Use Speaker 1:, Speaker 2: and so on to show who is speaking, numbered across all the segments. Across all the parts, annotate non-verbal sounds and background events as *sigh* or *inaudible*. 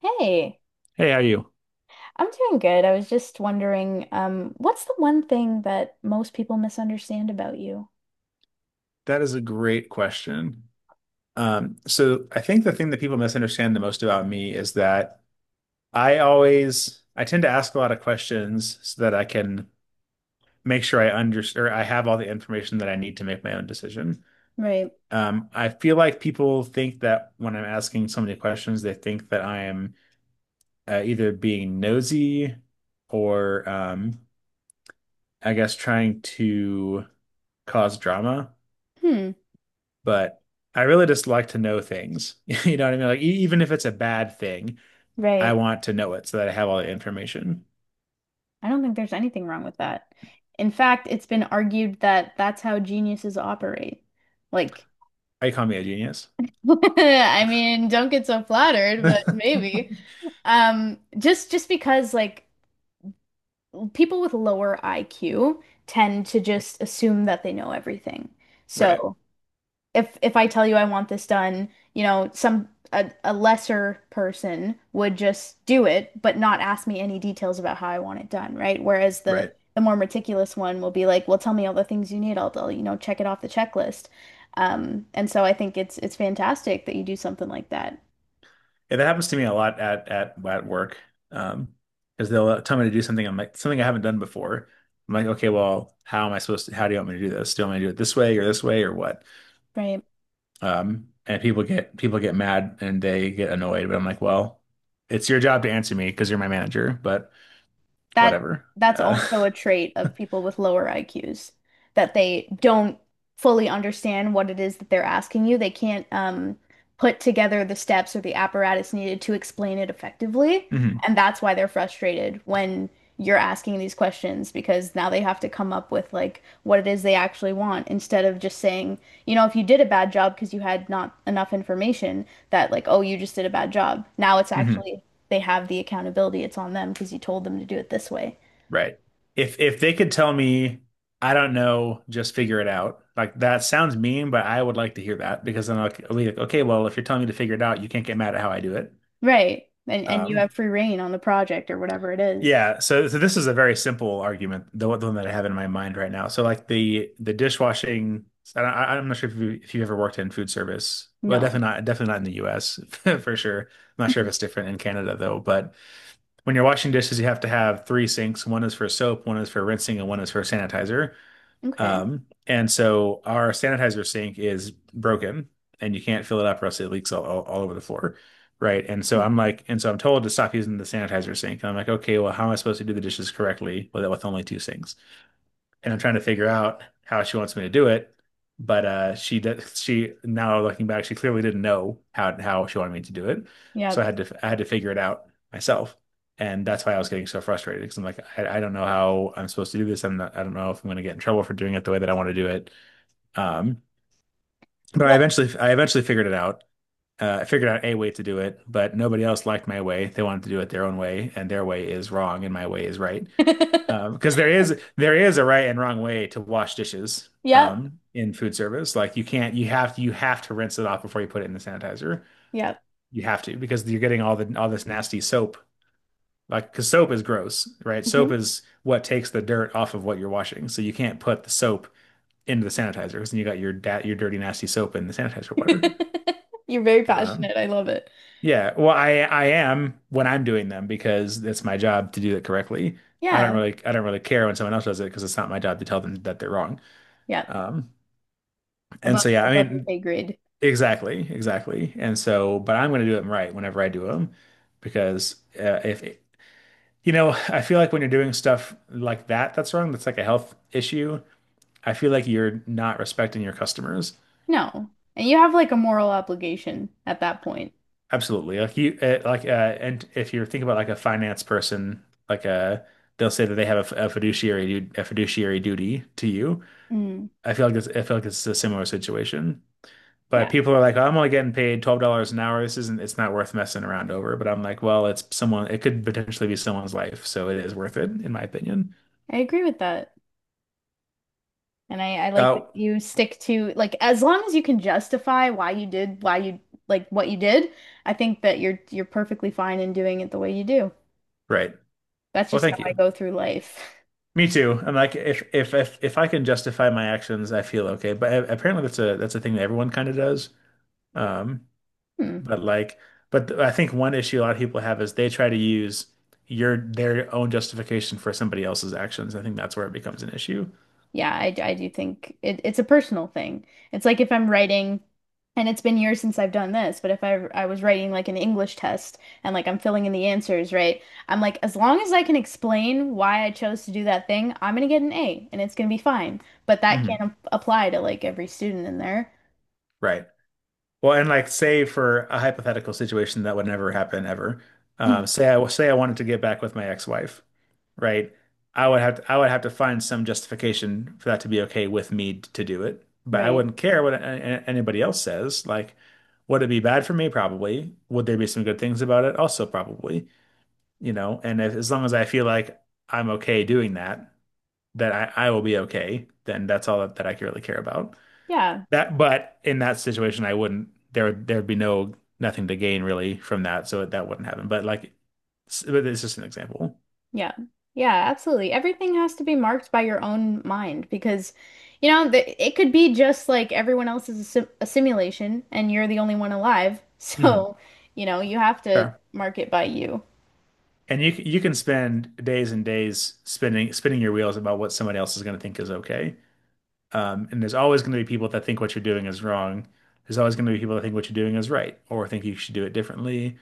Speaker 1: Hey,
Speaker 2: Hey, how are you?
Speaker 1: I'm doing good. I was just wondering, what's the one thing that most people misunderstand about you?
Speaker 2: That is a great question. So I think the thing that people misunderstand the most about me is that I tend to ask a lot of questions so that I can make sure I understand or I have all the information that I need to make my own decision.
Speaker 1: Right.
Speaker 2: I feel like people think that when I'm asking so many questions, they think that I am either being nosy or I guess trying to cause drama.
Speaker 1: Hmm.
Speaker 2: But I really just like to know things. *laughs* You know what I mean? Like, even if it's a bad thing, I
Speaker 1: Right.
Speaker 2: want to know it so that I have all the information.
Speaker 1: I don't think there's anything wrong with that. In fact, it's been argued that that's how geniuses operate. Like,
Speaker 2: I call me a genius.
Speaker 1: *laughs* I mean, don't get so flattered, but
Speaker 2: *laughs*
Speaker 1: maybe. Just because like people with lower IQ tend to just assume that they know everything.
Speaker 2: Right.
Speaker 1: So if I tell you I want this done, you know, some a lesser person would just do it, but not ask me any details about how I want it done, right? Whereas the
Speaker 2: Right.
Speaker 1: the more meticulous one will be like, well, tell me all the things you need. You know, check it off the checklist. And so I think it's fantastic that you do something like that.
Speaker 2: Yeah, that happens to me a lot at at work. Um, because they'll tell me to do something, I'm like something I haven't done before. I'm like, okay, well, how am I supposed to? How do you want me to do this? Do you want me to do it this way or what?
Speaker 1: Right.
Speaker 2: And people get mad and they get annoyed, but I'm like, well, it's your job to answer me because you're my manager, but
Speaker 1: That
Speaker 2: whatever.
Speaker 1: that's
Speaker 2: Uh,
Speaker 1: also a trait of people with lower IQs that they don't fully understand what it is that they're asking you. They can't put together the steps or the apparatus needed to explain it effectively,
Speaker 2: *laughs*
Speaker 1: and that's why they're frustrated when you're asking these questions because now they have to come up with like what it is they actually want instead of just saying, you know, if you did a bad job because you had not enough information that like, oh, you just did a bad job. Now it's
Speaker 2: hmm
Speaker 1: actually they have the accountability. It's on them because you told them to do it this way.
Speaker 2: Right. If they could tell me, I don't know, just figure it out. Like that sounds mean, but I would like to hear that because then I'll be like, okay, well, if you're telling me to figure it out, you can't get mad at how I do it.
Speaker 1: Right. And you have
Speaker 2: Um,
Speaker 1: free reign on the project or whatever it is.
Speaker 2: yeah. So this is a very simple argument, the one that I have in my mind right now. So like the dishwashing. I, don't- I- I'm not sure if you if you've ever worked in food service. Well,
Speaker 1: No.
Speaker 2: definitely not in the U.S. *laughs* for sure. I'm not sure if
Speaker 1: Mhm.
Speaker 2: it's different in Canada though, but. When you're washing dishes, you have to have three sinks. One is for soap, one is for rinsing, and one is for sanitizer.
Speaker 1: Okay.
Speaker 2: And so our sanitizer sink is broken, and you can't fill it up, or else it leaks all over the floor, right? And so
Speaker 1: Mm.
Speaker 2: I'm like, and so I'm told to stop using the sanitizer sink. And I'm like, okay, well, how am I supposed to do the dishes correctly with only two sinks? And I'm trying to figure out how she wants me to do it. But she, now looking back, she clearly didn't know how she wanted me to do it. So
Speaker 1: Yep.
Speaker 2: I had to figure it out myself, and that's why I was getting so frustrated, because I'm like I don't know how I'm supposed to do this. I don't know if I'm going to get in trouble for doing it the way that I want to do it. Um, but
Speaker 1: Well.
Speaker 2: I eventually figured it out. I figured out a way to do it, but nobody else liked my way. They wanted to do it their own way, and their way is wrong, and my way is right.
Speaker 1: *laughs*
Speaker 2: Because there is a right and wrong way to wash dishes
Speaker 1: Yep.
Speaker 2: in food service. Like you can't, you have to rinse it off before you put it in the sanitizer.
Speaker 1: Yep.
Speaker 2: You have to, because you're getting all the all this nasty soap. Like because soap is gross, right? Soap
Speaker 1: Mhm.
Speaker 2: is what takes the dirt off of what you're washing. So you can't put the soap into the sanitizer, because then you got your da your dirty nasty soap in the sanitizer water.
Speaker 1: *laughs* You're very
Speaker 2: Um,
Speaker 1: passionate. I love it.
Speaker 2: yeah, well I am when I'm doing them because that's my job to do it correctly.
Speaker 1: Yeah.
Speaker 2: I don't really care when someone else does it because it's not my job to tell them that they're wrong.
Speaker 1: Yep.
Speaker 2: Um, and
Speaker 1: Above
Speaker 2: so yeah, I
Speaker 1: above your
Speaker 2: mean,
Speaker 1: pay grade.
Speaker 2: exactly, exactly. And so, but I'm going to do them right whenever I do them because if you know, I feel like when you're doing stuff like that that's wrong, that's like a health issue. I feel like you're not respecting your customers.
Speaker 1: No. And you have like a moral obligation at that point.
Speaker 2: Absolutely. Like and if you're thinking about like a finance person, like uh they'll say that they have a fiduciary a fiduciary duty to you.
Speaker 1: Mm.
Speaker 2: I feel like it's a similar situation. But
Speaker 1: Yeah.
Speaker 2: people are like, oh, I'm only getting paid $12 an hour. This isn't, it's not worth messing around over. But I'm like, well, it could potentially be someone's life, so it is worth it, in my opinion.
Speaker 1: I agree with that. And I like that
Speaker 2: Oh,
Speaker 1: you stick to like as long as you can justify why you like what you did, I think that you're perfectly fine in doing it the way you do.
Speaker 2: right.
Speaker 1: That's
Speaker 2: Well,
Speaker 1: just how
Speaker 2: thank
Speaker 1: I
Speaker 2: you.
Speaker 1: go through life. *laughs*
Speaker 2: Me too. I'm like, if I can justify my actions, I feel okay. But apparently, that's a thing that everyone kind of does. Um,
Speaker 1: Hmm.
Speaker 2: but like, I think one issue a lot of people have is they try to use your their own justification for somebody else's actions. I think that's where it becomes an issue.
Speaker 1: Yeah, I do think it's a personal thing. It's like if I'm writing, and it's been years since I've done this, but if I was writing like an English test and like I'm filling in the answers, right? I'm like, as long as I can explain why I chose to do that thing, I'm gonna get an A and it's gonna be fine. But that
Speaker 2: Hmm.
Speaker 1: can't apply to like every student in there.
Speaker 2: Right. Well, and like say for a hypothetical situation that would never happen ever.
Speaker 1: Mm.
Speaker 2: Say I wanted to get back with my ex-wife, right? I would have to find some justification for that to be okay with me to do it. But I
Speaker 1: Right.
Speaker 2: wouldn't care what anybody else says. Like, would it be bad for me? Probably. Would there be some good things about it? Also, probably. You know, and if, as long as I feel like I'm okay doing that, that I will be okay, then that's all that I really care about.
Speaker 1: Yeah.
Speaker 2: That, but in that situation, I wouldn't. There'd be no nothing to gain really from that, so that wouldn't happen. But like, but it's just an example.
Speaker 1: Yeah. Yeah, absolutely. Everything has to be marked by your own mind because, you know, th it could be just like everyone else is a simulation and you're the only one alive. *laughs*
Speaker 2: Hmm.
Speaker 1: So, you know, you have to
Speaker 2: Fair.
Speaker 1: mark it by you.
Speaker 2: And you can spend days and days spinning your wheels about what somebody else is going to think is okay. And there's always going to be people that think what you're doing is wrong. There's always going to be people that think what you're doing is right or think you should do it differently.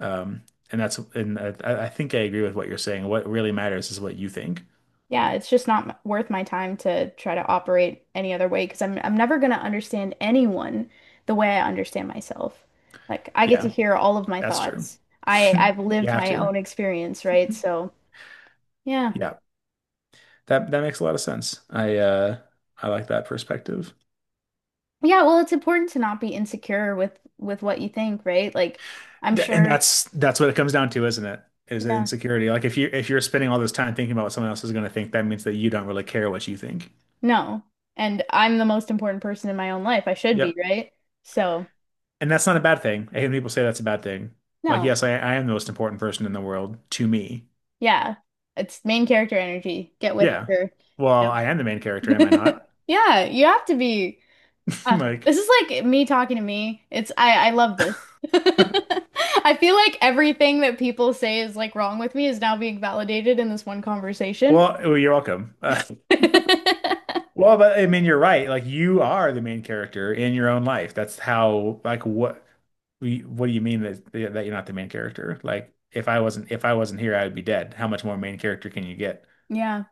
Speaker 2: Um, and that's and I think I agree with what you're saying. What really matters is what you think.
Speaker 1: Yeah, it's just not m- worth my time to try to operate any other way because I'm never going to understand anyone the way I understand myself. Like I get to
Speaker 2: Yeah,
Speaker 1: hear all of my
Speaker 2: that's true.
Speaker 1: thoughts. I
Speaker 2: *laughs*
Speaker 1: I've
Speaker 2: You
Speaker 1: lived
Speaker 2: have
Speaker 1: my
Speaker 2: to.
Speaker 1: own experience, right? So, yeah.
Speaker 2: Yeah. That that makes a lot of sense. I like that perspective.
Speaker 1: Yeah, well, it's important to not be insecure with what you think, right? Like, I'm
Speaker 2: And
Speaker 1: sure,
Speaker 2: that's what it comes down to, isn't it? Is
Speaker 1: yeah,
Speaker 2: insecurity. Like if you if you're spending all this time thinking about what someone else is going to think, that means that you don't really care what you think.
Speaker 1: no. And I'm the most important person in my own life. I should be,
Speaker 2: Yep.
Speaker 1: right? So,
Speaker 2: And that's not a bad thing. I hate when people say that's a bad thing. Like,
Speaker 1: no.
Speaker 2: yes, I am the most important person in the world to me.
Speaker 1: Yeah. It's main character energy. Get with
Speaker 2: Yeah.
Speaker 1: her.
Speaker 2: Well,
Speaker 1: Yeah.
Speaker 2: I am the main character, am I not?
Speaker 1: *laughs* Yeah, you have to be.
Speaker 2: *laughs* Like,
Speaker 1: This is like me talking to me. It's I love this. *laughs* I feel like everything that people say is like wrong with me is now being validated in this one conversation.
Speaker 2: well,
Speaker 1: *laughs*
Speaker 2: oh, you're welcome. *laughs* Well, but I mean, you're right. Like you are the main character in your own life. That's how, like, what, what do you mean that you're not the main character? Like, if I wasn't here, I would be dead. How much more main character can you get?
Speaker 1: Yeah.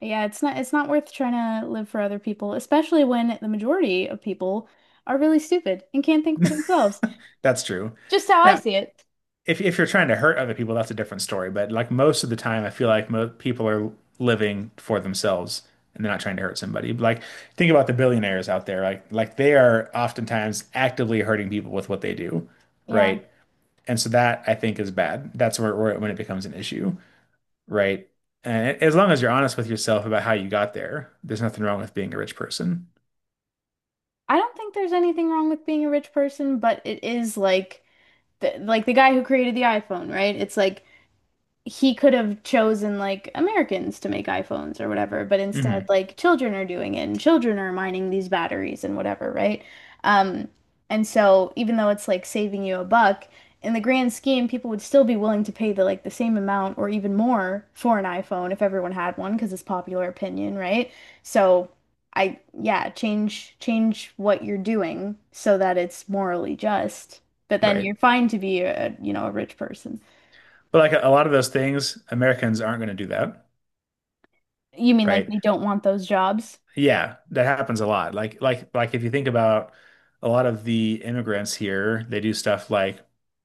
Speaker 1: Yeah, it's not worth trying to live for other people, especially when the majority of people are really stupid and can't think for themselves.
Speaker 2: That's true.
Speaker 1: Just how I
Speaker 2: Now,
Speaker 1: see it.
Speaker 2: if you're trying to hurt other people, that's a different story. But like most of the time, I feel like mo people are living for themselves and they're not trying to hurt somebody. Like, think about the billionaires out there. Like they are oftentimes actively hurting people with what they do,
Speaker 1: Yeah.
Speaker 2: right? And so that I think is bad. That's where when it becomes an issue, right? And as long as you're honest with yourself about how you got there, there's nothing wrong with being a rich person.
Speaker 1: I don't think there's anything wrong with being a rich person, but it is like like the guy who created the iPhone, right? It's like he could have chosen like Americans to make iPhones or whatever, but instead
Speaker 2: Mm-hmm.
Speaker 1: like children are doing it and children are mining these batteries and whatever, right? Um, and so even though it's like saving you a buck, in the grand scheme, people would still be willing to pay the like the same amount or even more for an iPhone if everyone had one because it's popular opinion, right? So I yeah, change what you're doing so that it's morally just, but then you're
Speaker 2: Right.
Speaker 1: fine to be a, you know, a rich person.
Speaker 2: But like a lot of those things, Americans aren't going to do that,
Speaker 1: You mean like
Speaker 2: right?
Speaker 1: they don't want those jobs?
Speaker 2: Yeah, that happens a lot. Like if you think about a lot of the immigrants here, they do stuff like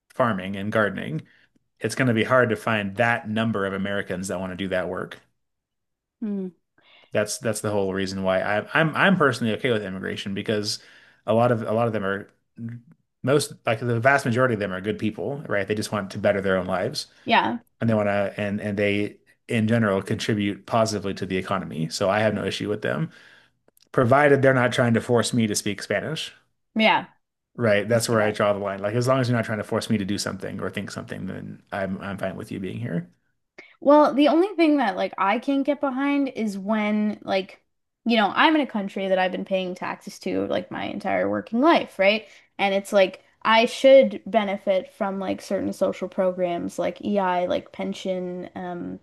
Speaker 2: farming and gardening. It's going to be hard to find that number of Americans that want to do that work.
Speaker 1: Hmm.
Speaker 2: That's the whole reason why I'm personally okay with immigration, because a lot of them are most like the vast majority of them are good people, right? They just want to better their own lives
Speaker 1: Yeah.
Speaker 2: and they want to and they in general contribute positively to the economy. So I have no issue with them, provided they're not trying to force me to speak Spanish.
Speaker 1: Yeah.
Speaker 2: Right.
Speaker 1: I
Speaker 2: That's
Speaker 1: see
Speaker 2: where I
Speaker 1: that.
Speaker 2: draw the line. Like as long as you're not trying to force me to do something or think something, then I'm fine with you being here.
Speaker 1: Well, the only thing that like I can't get behind is when I'm in a country that I've been paying taxes to like my entire working life, right? And it's like I should benefit from like certain social programs like EI, like pension,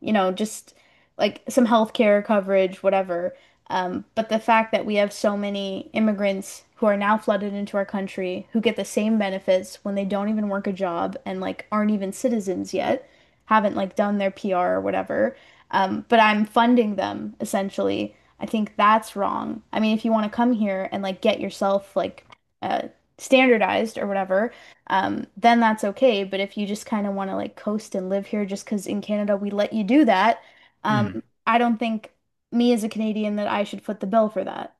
Speaker 1: you know, just like some healthcare coverage, whatever. But the fact that we have so many immigrants who are now flooded into our country who get the same benefits when they don't even work a job and like aren't even citizens yet haven't like done their PR or whatever, but I'm funding them essentially. I think that's wrong. I mean, if you want to come here and like get yourself like uh, standardized or whatever, then that's okay. But if you just kind of want to like coast and live here just because in Canada we let you do that, um,
Speaker 2: Mhm.
Speaker 1: I don't think me as a Canadian that I should foot the bill for that.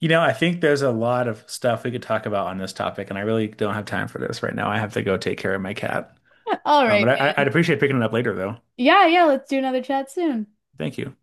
Speaker 2: You know, I think there's a lot of stuff we could talk about on this topic, and I really don't have time for this right now. I have to go take care of my cat.
Speaker 1: *laughs* All right,
Speaker 2: But
Speaker 1: man.
Speaker 2: I'd appreciate picking it up later, though.
Speaker 1: Yeah, yeah, let's do another chat soon.
Speaker 2: Thank you.